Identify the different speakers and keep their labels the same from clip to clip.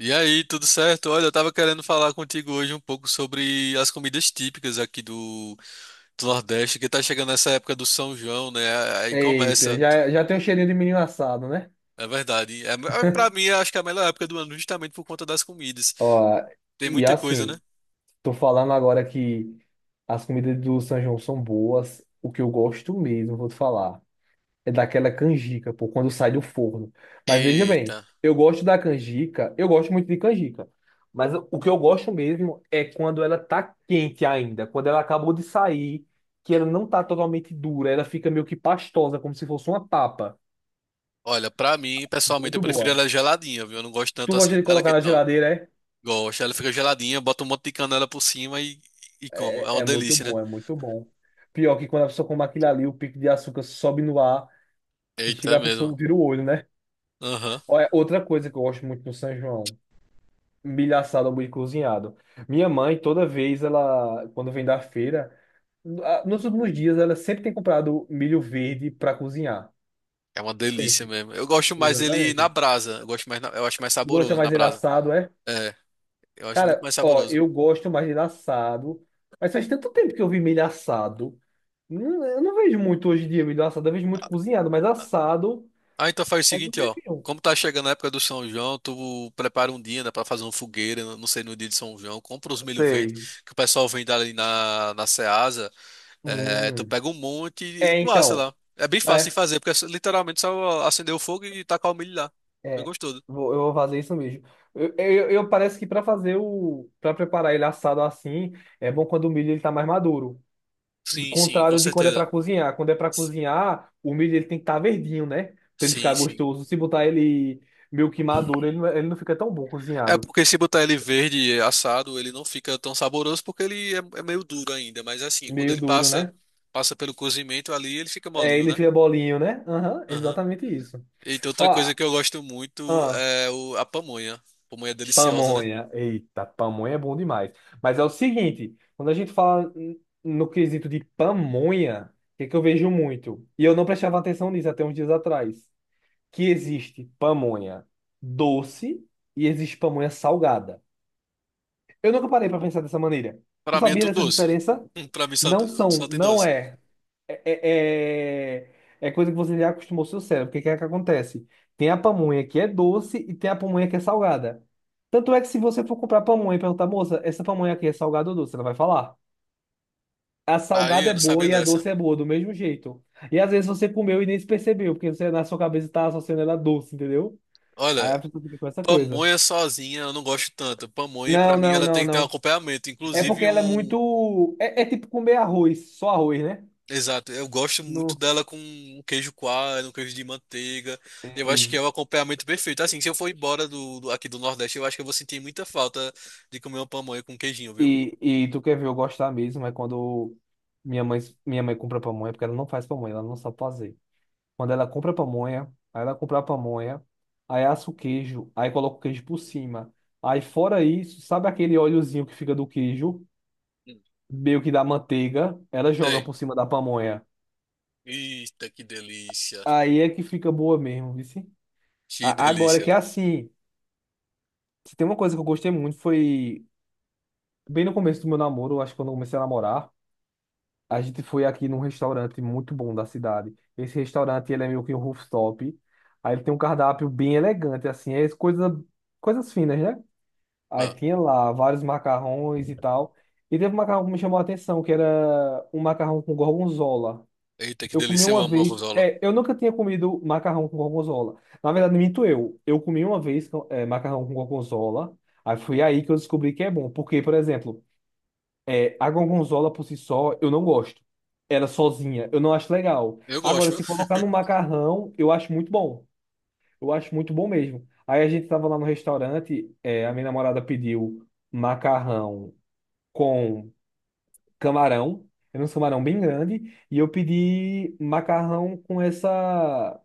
Speaker 1: E aí, tudo certo? Olha, eu tava querendo falar contigo hoje um pouco sobre as comidas típicas aqui do, do Nordeste, que tá chegando essa época do São João, né? Aí
Speaker 2: Eita,
Speaker 1: começa,
Speaker 2: já tem um cheirinho de menino assado, né?
Speaker 1: é verdade. Pra mim, eu acho que é a melhor época do ano, justamente por conta das comidas.
Speaker 2: Ó,
Speaker 1: Tem
Speaker 2: e
Speaker 1: muita coisa,
Speaker 2: assim,
Speaker 1: né?
Speaker 2: tô falando agora que as comidas do São João são boas. O que eu gosto mesmo, vou te falar, é daquela canjica, pô, quando sai do forno. Mas veja
Speaker 1: Eita.
Speaker 2: bem, eu gosto da canjica, eu gosto muito de canjica. Mas o que eu gosto mesmo é quando ela tá quente ainda, quando ela acabou de sair, que ela não tá totalmente dura, ela fica meio que pastosa, como se fosse uma papa.
Speaker 1: Olha, pra mim, pessoalmente, eu
Speaker 2: Muito
Speaker 1: prefiro
Speaker 2: boa.
Speaker 1: ela geladinha, viu? Eu não gosto
Speaker 2: Tu
Speaker 1: tanto assim
Speaker 2: gosta de
Speaker 1: dela que
Speaker 2: colocar na
Speaker 1: então.
Speaker 2: geladeira, é?
Speaker 1: Gosto, ela fica geladinha, bota um monte de canela por cima e como. É
Speaker 2: É, é
Speaker 1: uma
Speaker 2: é muito
Speaker 1: delícia, né?
Speaker 2: bom, é muito bom. Pior que quando a pessoa come aquilo ali, o pico de açúcar sobe no ar, que
Speaker 1: Eita, é
Speaker 2: chega a
Speaker 1: mesmo.
Speaker 2: pessoa vira o olho, né?
Speaker 1: Aham.
Speaker 2: Olha, outra coisa que eu gosto muito no São João, milho assado ou milho cozinhado. Minha mãe, toda vez, ela, quando vem da feira, ah, nos últimos dias, ela sempre tem comprado milho verde para cozinhar.
Speaker 1: É uma delícia
Speaker 2: Sempre.
Speaker 1: mesmo. Eu gosto mais dele na
Speaker 2: Exatamente.
Speaker 1: brasa. Eu gosto mais, eu acho mais
Speaker 2: Gosta
Speaker 1: saboroso na
Speaker 2: mais dele
Speaker 1: brasa.
Speaker 2: assado, é?
Speaker 1: É, eu acho muito
Speaker 2: Cara,
Speaker 1: mais
Speaker 2: ó,
Speaker 1: saboroso.
Speaker 2: eu gosto mais dele assado, mas faz tanto tempo que eu vi milho assado. Eu não vejo muito hoje em dia milho assado, eu vejo muito cozinhado, mas assado
Speaker 1: Ah, então faz o
Speaker 2: faz um
Speaker 1: seguinte, ó.
Speaker 2: tempinho.
Speaker 1: Como tá chegando a época do São João, tu prepara um dia, né, pra fazer uma fogueira, eu não sei, no dia de São João, compra os milho verde,
Speaker 2: Sei.
Speaker 1: que o pessoal vende ali na Ceasa, é, tu
Speaker 2: Hum.
Speaker 1: pega um monte e
Speaker 2: É,
Speaker 1: tu assa
Speaker 2: então.
Speaker 1: lá. É bem fácil
Speaker 2: É,
Speaker 1: de fazer, porque é literalmente só acender o fogo e tacar o milho lá. Bem
Speaker 2: é.
Speaker 1: gostoso.
Speaker 2: Eu vou fazer isso mesmo. Parece que para fazer o. para preparar ele assado assim, é bom quando o milho ele tá mais maduro.
Speaker 1: Sim, sim, com
Speaker 2: Contrário de quando é
Speaker 1: certeza.
Speaker 2: para cozinhar. Quando é para cozinhar, o milho ele tem que estar verdinho, né? Pra ele ficar
Speaker 1: Sim, sim.
Speaker 2: gostoso. Se botar ele meio que maduro, ele não, é, ele não fica tão bom
Speaker 1: É
Speaker 2: cozinhado.
Speaker 1: porque se botar ele verde assado, ele não fica tão saboroso porque ele é meio duro ainda. Mas assim, quando
Speaker 2: Meio
Speaker 1: ele
Speaker 2: duro,
Speaker 1: passa
Speaker 2: né?
Speaker 1: passa pelo cozimento ali, ele fica
Speaker 2: É,
Speaker 1: molinho,
Speaker 2: ele
Speaker 1: né?
Speaker 2: fica bolinho, né? Aham,
Speaker 1: Aham.
Speaker 2: exatamente isso.
Speaker 1: E tem outra coisa
Speaker 2: Ó,
Speaker 1: que eu gosto muito
Speaker 2: ah,
Speaker 1: é a pamonha. Pamonha é deliciosa, né?
Speaker 2: pamonha. Eita, pamonha é bom demais. Mas é o seguinte, quando a gente fala no quesito de pamonha, o que que eu vejo muito? E eu não prestava atenção nisso até uns dias atrás. Que existe pamonha doce e existe pamonha salgada. Eu nunca parei para pensar dessa maneira. Tu
Speaker 1: Pra mim é
Speaker 2: sabia
Speaker 1: tudo
Speaker 2: dessa
Speaker 1: doce.
Speaker 2: diferença?
Speaker 1: Pra mim só,
Speaker 2: Não são,
Speaker 1: só tem
Speaker 2: não
Speaker 1: doce.
Speaker 2: é é, é, é coisa que você já acostumou seu cérebro. O que que é que acontece? Tem a pamonha que é doce e tem a pamonha que é salgada. Tanto é que se você for comprar pamonha e perguntar, moça, essa pamonha aqui é salgada ou doce? Ela vai falar. A
Speaker 1: Aí
Speaker 2: salgada
Speaker 1: eu
Speaker 2: é
Speaker 1: não
Speaker 2: boa
Speaker 1: sabia
Speaker 2: e a
Speaker 1: dessa.
Speaker 2: doce é boa, do mesmo jeito. E às vezes você comeu e nem se percebeu, porque você na sua cabeça está associando ela a doce, entendeu? Aí a
Speaker 1: Olha,
Speaker 2: pessoa fica com essa coisa.
Speaker 1: pamonha sozinha eu não gosto tanto. Pamonha, pra
Speaker 2: Não,
Speaker 1: mim,
Speaker 2: não,
Speaker 1: ela
Speaker 2: não,
Speaker 1: tem que ter um
Speaker 2: não.
Speaker 1: acompanhamento.
Speaker 2: É porque
Speaker 1: Inclusive
Speaker 2: ela é
Speaker 1: um.
Speaker 2: muito. É, é tipo comer arroz, só arroz, né?
Speaker 1: Exato, eu gosto muito
Speaker 2: Não.
Speaker 1: dela com um queijo coalho, um queijo de manteiga. Eu acho que é o acompanhamento perfeito. Assim, se eu for embora aqui do Nordeste, eu acho que eu vou sentir muita falta de comer uma pamonha com queijinho, viu?
Speaker 2: E, e tu quer ver eu gostar mesmo, é quando minha mãe, minha mãe compra pamonha, porque ela não faz pamonha, ela não sabe fazer. Quando ela compra pamonha, aí ela compra a pamonha, aí assa o queijo, aí coloca o queijo por cima. Aí fora isso, sabe aquele óleozinho que fica do queijo,
Speaker 1: Hum.
Speaker 2: meio que da manteiga, ela joga
Speaker 1: Sei.
Speaker 2: por cima da pamonha.
Speaker 1: Eita, que delícia.
Speaker 2: Aí é que fica boa mesmo, viu?
Speaker 1: Que
Speaker 2: Agora
Speaker 1: delícia.
Speaker 2: que é assim, se tem uma coisa que eu gostei muito foi bem no começo do meu namoro, acho que quando eu comecei a namorar. A gente foi aqui num restaurante muito bom da cidade. Esse restaurante, ele é meio que um rooftop. Aí ele tem um cardápio bem elegante, assim, é coisa, coisas finas, né? Aí
Speaker 1: Ah,
Speaker 2: tinha lá vários macarrões e tal. E teve um macarrão que me chamou a atenção, que era um macarrão com gorgonzola.
Speaker 1: eita, que
Speaker 2: Eu comi
Speaker 1: delícia. Eu
Speaker 2: uma
Speaker 1: amo
Speaker 2: vez.
Speaker 1: gorgonzola.
Speaker 2: É, eu nunca tinha comido macarrão com gorgonzola. Na verdade, minto eu. Eu comi uma vez, é, macarrão com gorgonzola. Aí foi aí que eu descobri que é bom. Porque, por exemplo, é, a gorgonzola por si só, eu não gosto. Ela sozinha, eu não acho legal.
Speaker 1: Eu
Speaker 2: Agora,
Speaker 1: gosto,
Speaker 2: se
Speaker 1: viu?
Speaker 2: colocar no macarrão, eu acho muito bom. Eu acho muito bom mesmo. Aí a gente tava lá no restaurante, é, a minha namorada pediu macarrão com camarão. Era um camarão bem grande. E eu pedi macarrão com essa,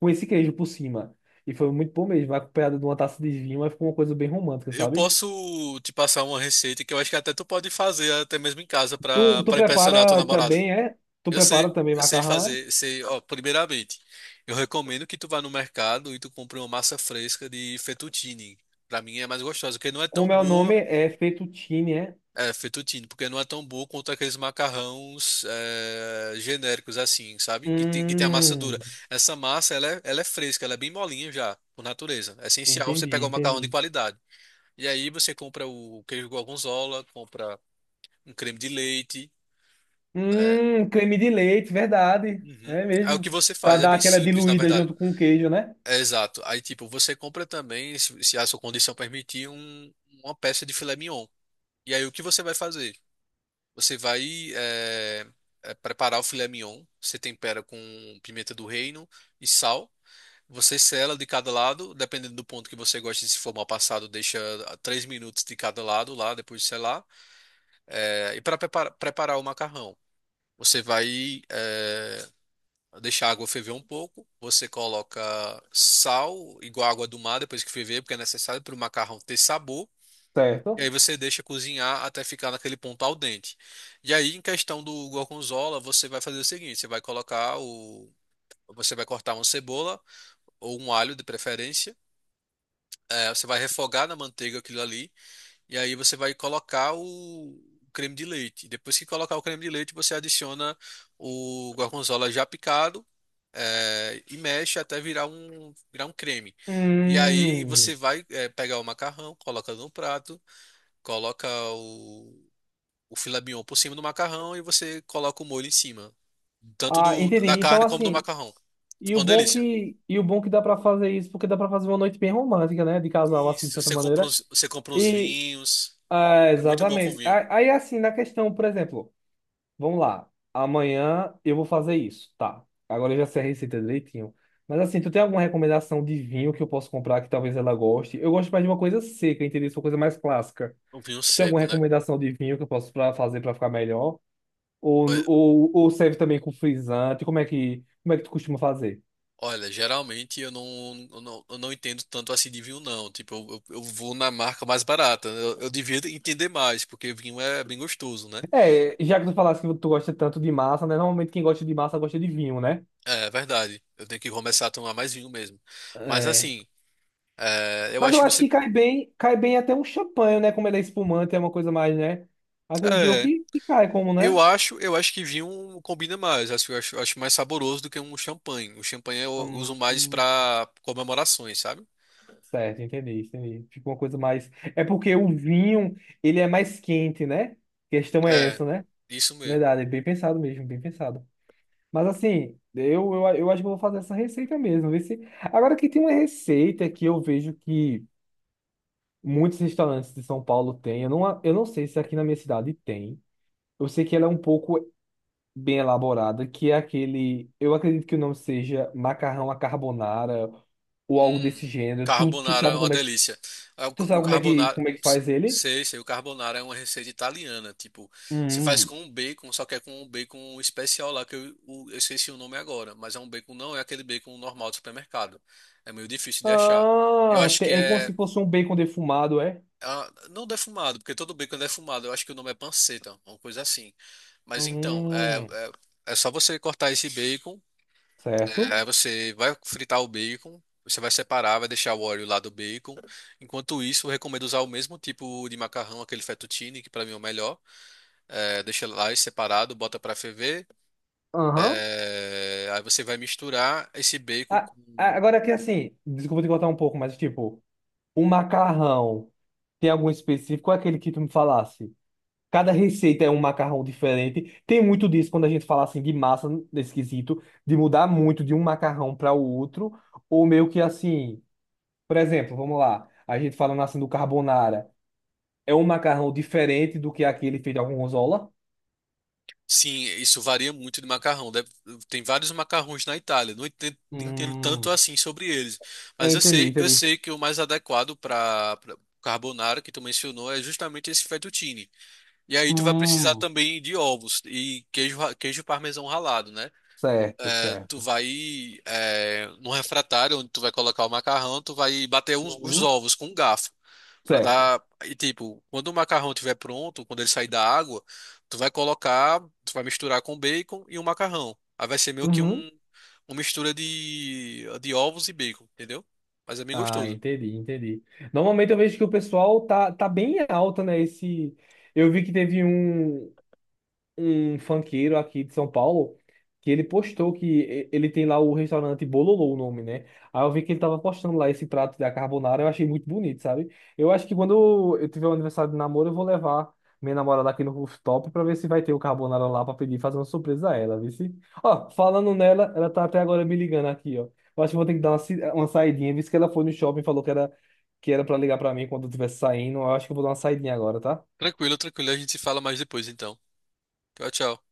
Speaker 2: com esse queijo por cima. E foi muito bom mesmo. Acompanhado de uma taça de vinho, mas ficou uma coisa bem romântica,
Speaker 1: Eu
Speaker 2: sabe?
Speaker 1: posso te passar uma receita que eu acho que até tu pode fazer até mesmo em casa para
Speaker 2: Tu
Speaker 1: para impressionar a tua
Speaker 2: prepara
Speaker 1: namorada.
Speaker 2: também, é? Tu prepara também
Speaker 1: Eu sei
Speaker 2: macarrão, é?
Speaker 1: fazer, sei, ó, primeiramente, eu recomendo que tu vá no mercado e tu compre uma massa fresca de fettuccine. Para mim é mais gostosa, porque não é tão
Speaker 2: Como é o
Speaker 1: boa,
Speaker 2: nome? É fettuccine, é?
Speaker 1: é, fettuccine, porque não é tão boa quanto aqueles macarrões é, genéricos assim, sabe? Que tem a massa dura.
Speaker 2: Hum,
Speaker 1: Essa massa, ela é fresca, ela é bem molinha já, por natureza. É essencial você
Speaker 2: entendi,
Speaker 1: pegar um macarrão de
Speaker 2: entendi.
Speaker 1: qualidade. E aí você compra o queijo gorgonzola, compra um creme de leite, né?
Speaker 2: Creme de leite, verdade.
Speaker 1: Uhum.
Speaker 2: É
Speaker 1: Aí o que
Speaker 2: mesmo.
Speaker 1: você
Speaker 2: Pra
Speaker 1: faz? É
Speaker 2: dar
Speaker 1: bem
Speaker 2: aquela
Speaker 1: simples, na
Speaker 2: diluída
Speaker 1: verdade.
Speaker 2: junto com o queijo, né?
Speaker 1: É exato. Aí, tipo, você compra também, se a sua condição permitir, uma peça de filé mignon. E aí o que você vai fazer? Você vai é, preparar o filé mignon, você tempera com pimenta do reino e sal. Você sela de cada lado, dependendo do ponto que você gosta, se for mal passado, deixa 3 minutos de cada lado lá, depois de selar. É, e para preparar o macarrão, você vai deixar a água ferver um pouco, você coloca sal, igual a água do mar, depois que ferver, porque é necessário para o macarrão ter sabor. E aí
Speaker 2: Certo.
Speaker 1: você deixa cozinhar até ficar naquele ponto al dente. E aí, em questão do gorgonzola, você vai fazer o seguinte: você vai colocar o. Você vai cortar uma cebola ou um alho, de preferência. É, você vai refogar na manteiga aquilo ali. E aí você vai colocar o creme de leite. Depois que colocar o creme de leite, você adiciona o gorgonzola já picado, e mexe até virar um creme. E aí
Speaker 2: Hum.
Speaker 1: você vai, pegar o macarrão, coloca no prato, coloca o, o filé mignon por cima do macarrão e você coloca o molho em cima. Tanto
Speaker 2: Ah, entendi.
Speaker 1: da
Speaker 2: Então,
Speaker 1: carne como do
Speaker 2: assim,
Speaker 1: macarrão.
Speaker 2: e
Speaker 1: Ficou
Speaker 2: o
Speaker 1: uma
Speaker 2: bom
Speaker 1: delícia.
Speaker 2: que, e o bom que dá pra fazer isso, porque dá pra fazer uma noite bem romântica, né? De casal, assim, de
Speaker 1: Isso,
Speaker 2: certa maneira.
Speaker 1: você compra uns
Speaker 2: E,
Speaker 1: vinhos.
Speaker 2: ah,
Speaker 1: É muito bom com
Speaker 2: exatamente.
Speaker 1: vinho.
Speaker 2: Ah, aí, assim, na questão, por exemplo. Vamos lá. Amanhã eu vou fazer isso. Tá. Agora eu já sei a receita direitinho. Mas assim, tu tem alguma recomendação de vinho que eu posso comprar que talvez ela goste? Eu gosto mais de uma coisa seca, entendeu? Uma coisa mais clássica.
Speaker 1: Um vinho
Speaker 2: Tu tem alguma
Speaker 1: seco, né?
Speaker 2: recomendação de vinho que eu posso pra fazer para ficar melhor? Ou serve também com frisante? Como é que tu costuma fazer?
Speaker 1: Olha, geralmente eu não entendo tanto assim de vinho, não. Tipo, eu vou na marca mais barata. Eu devia entender mais, porque vinho é bem gostoso, né?
Speaker 2: É, já que tu falaste que tu gosta tanto de massa, né? Normalmente quem gosta de massa gosta de vinho, né?
Speaker 1: É verdade. Eu tenho que começar a tomar mais vinho mesmo. Mas assim, é, eu
Speaker 2: Mas
Speaker 1: acho
Speaker 2: eu
Speaker 1: que
Speaker 2: acho
Speaker 1: você.
Speaker 2: que cai bem até um champanhe, né? Como ele é espumante, é uma coisa mais, né? Acredito eu
Speaker 1: É,
Speaker 2: que cai como, né?
Speaker 1: eu acho que vinho combina mais. Acho, eu acho mais saboroso do que um champanhe. O champanhe eu uso
Speaker 2: Hum,
Speaker 1: mais
Speaker 2: hum,
Speaker 1: para comemorações, sabe?
Speaker 2: certo, entendi, entendi. Fica uma coisa mais. É porque o vinho, ele é mais quente, né? A questão é
Speaker 1: É,
Speaker 2: essa, né?
Speaker 1: isso mesmo.
Speaker 2: Verdade, é bem pensado mesmo, bem pensado. Mas assim, eu acho que eu vou fazer essa receita mesmo. Ver se... Agora que tem uma receita que eu vejo que muitos restaurantes de São Paulo têm. Eu não sei se aqui na minha cidade tem. Eu sei que ela é um pouco. Bem elaborada, que é aquele, eu acredito que o nome seja macarrão à carbonara ou algo
Speaker 1: Hum,
Speaker 2: desse gênero. Tu
Speaker 1: carbonara é
Speaker 2: sabe
Speaker 1: uma
Speaker 2: como é,
Speaker 1: delícia. Ah, O
Speaker 2: tu sabe
Speaker 1: o carbonara,
Speaker 2: como é que faz ele?
Speaker 1: sei, sei, o carbonara é uma receita italiana, tipo, você faz
Speaker 2: Hum,
Speaker 1: com um bacon, só que é com um bacon especial lá que eu, eu esqueci o nome agora, mas é um bacon, não é aquele bacon normal do supermercado. É meio difícil de achar. Eu acho que
Speaker 2: É como
Speaker 1: é
Speaker 2: se fosse um bacon defumado, é?
Speaker 1: não defumado, porque todo bacon é defumado. Eu acho que o nome é panceta, uma coisa assim. Mas então,
Speaker 2: Hum,
Speaker 1: é só você cortar esse bacon.
Speaker 2: certo?
Speaker 1: Aí você vai fritar o bacon, você vai separar, vai deixar o óleo lá do bacon. Enquanto isso, eu recomendo usar o mesmo tipo de macarrão, aquele fettuccine, que para mim é o melhor. É, deixa lá separado, bota para ferver.
Speaker 2: Aham.
Speaker 1: É, aí você vai misturar esse bacon
Speaker 2: Ah,
Speaker 1: com.
Speaker 2: ah, agora que assim, desculpa te cortar um pouco, mas tipo, o macarrão tem algum específico? Qual é aquele que tu me falasse? Cada receita é um macarrão diferente. Tem muito disso quando a gente fala assim de massa nesse quesito, de mudar muito de um macarrão para o outro, ou meio que assim, por exemplo, vamos lá, a gente falando assim do carbonara, é um macarrão diferente do que aquele feito com gorgonzola?
Speaker 1: Sim, isso varia muito de macarrão. Deve- Tem vários macarrões na Itália. Não entendo, tanto
Speaker 2: Hum,
Speaker 1: assim sobre eles. Mas
Speaker 2: entendi,
Speaker 1: eu
Speaker 2: entendi.
Speaker 1: sei que o mais adequado para carbonara que tu mencionou é justamente esse fettuccine. E aí tu vai precisar
Speaker 2: Hum,
Speaker 1: também de ovos e queijo, queijo parmesão ralado, né?
Speaker 2: certo,
Speaker 1: É, tu
Speaker 2: certo.
Speaker 1: vai num refratário onde tu vai colocar o macarrão, tu vai bater os
Speaker 2: Uhum,
Speaker 1: ovos com um garfo para
Speaker 2: certo.
Speaker 1: dar e tipo, quando o macarrão estiver pronto, quando ele sair da água, tu vai colocar, tu vai misturar com bacon e o macarrão. Aí vai ser meio que
Speaker 2: Uhum.
Speaker 1: um uma mistura de ovos e bacon, entendeu? Mas é bem
Speaker 2: Ah,
Speaker 1: gostoso.
Speaker 2: entendi, entendi. Normalmente eu vejo que o pessoal tá, tá bem alta, né? Esse, eu vi que teve um. Um funkeiro aqui de São Paulo que ele postou que ele tem lá o restaurante Bololô, o nome, né? Aí eu vi que ele tava postando lá esse prato da carbonara, eu achei muito bonito, sabe? Eu acho que quando eu tiver um aniversário de namoro, eu vou levar minha namorada aqui no rooftop pra ver se vai ter o carbonara lá pra pedir, fazer uma surpresa a ela, viu? Ó, falando nela, ela tá até agora me ligando aqui, ó. Eu acho que vou ter que dar uma, uma saidinha, visto que ela foi no shopping e falou que era pra ligar pra mim quando eu estivesse saindo. Eu acho que eu vou dar uma saidinha agora, tá?
Speaker 1: Tranquilo, tranquilo, a gente se fala mais depois então. Tchau, tchau.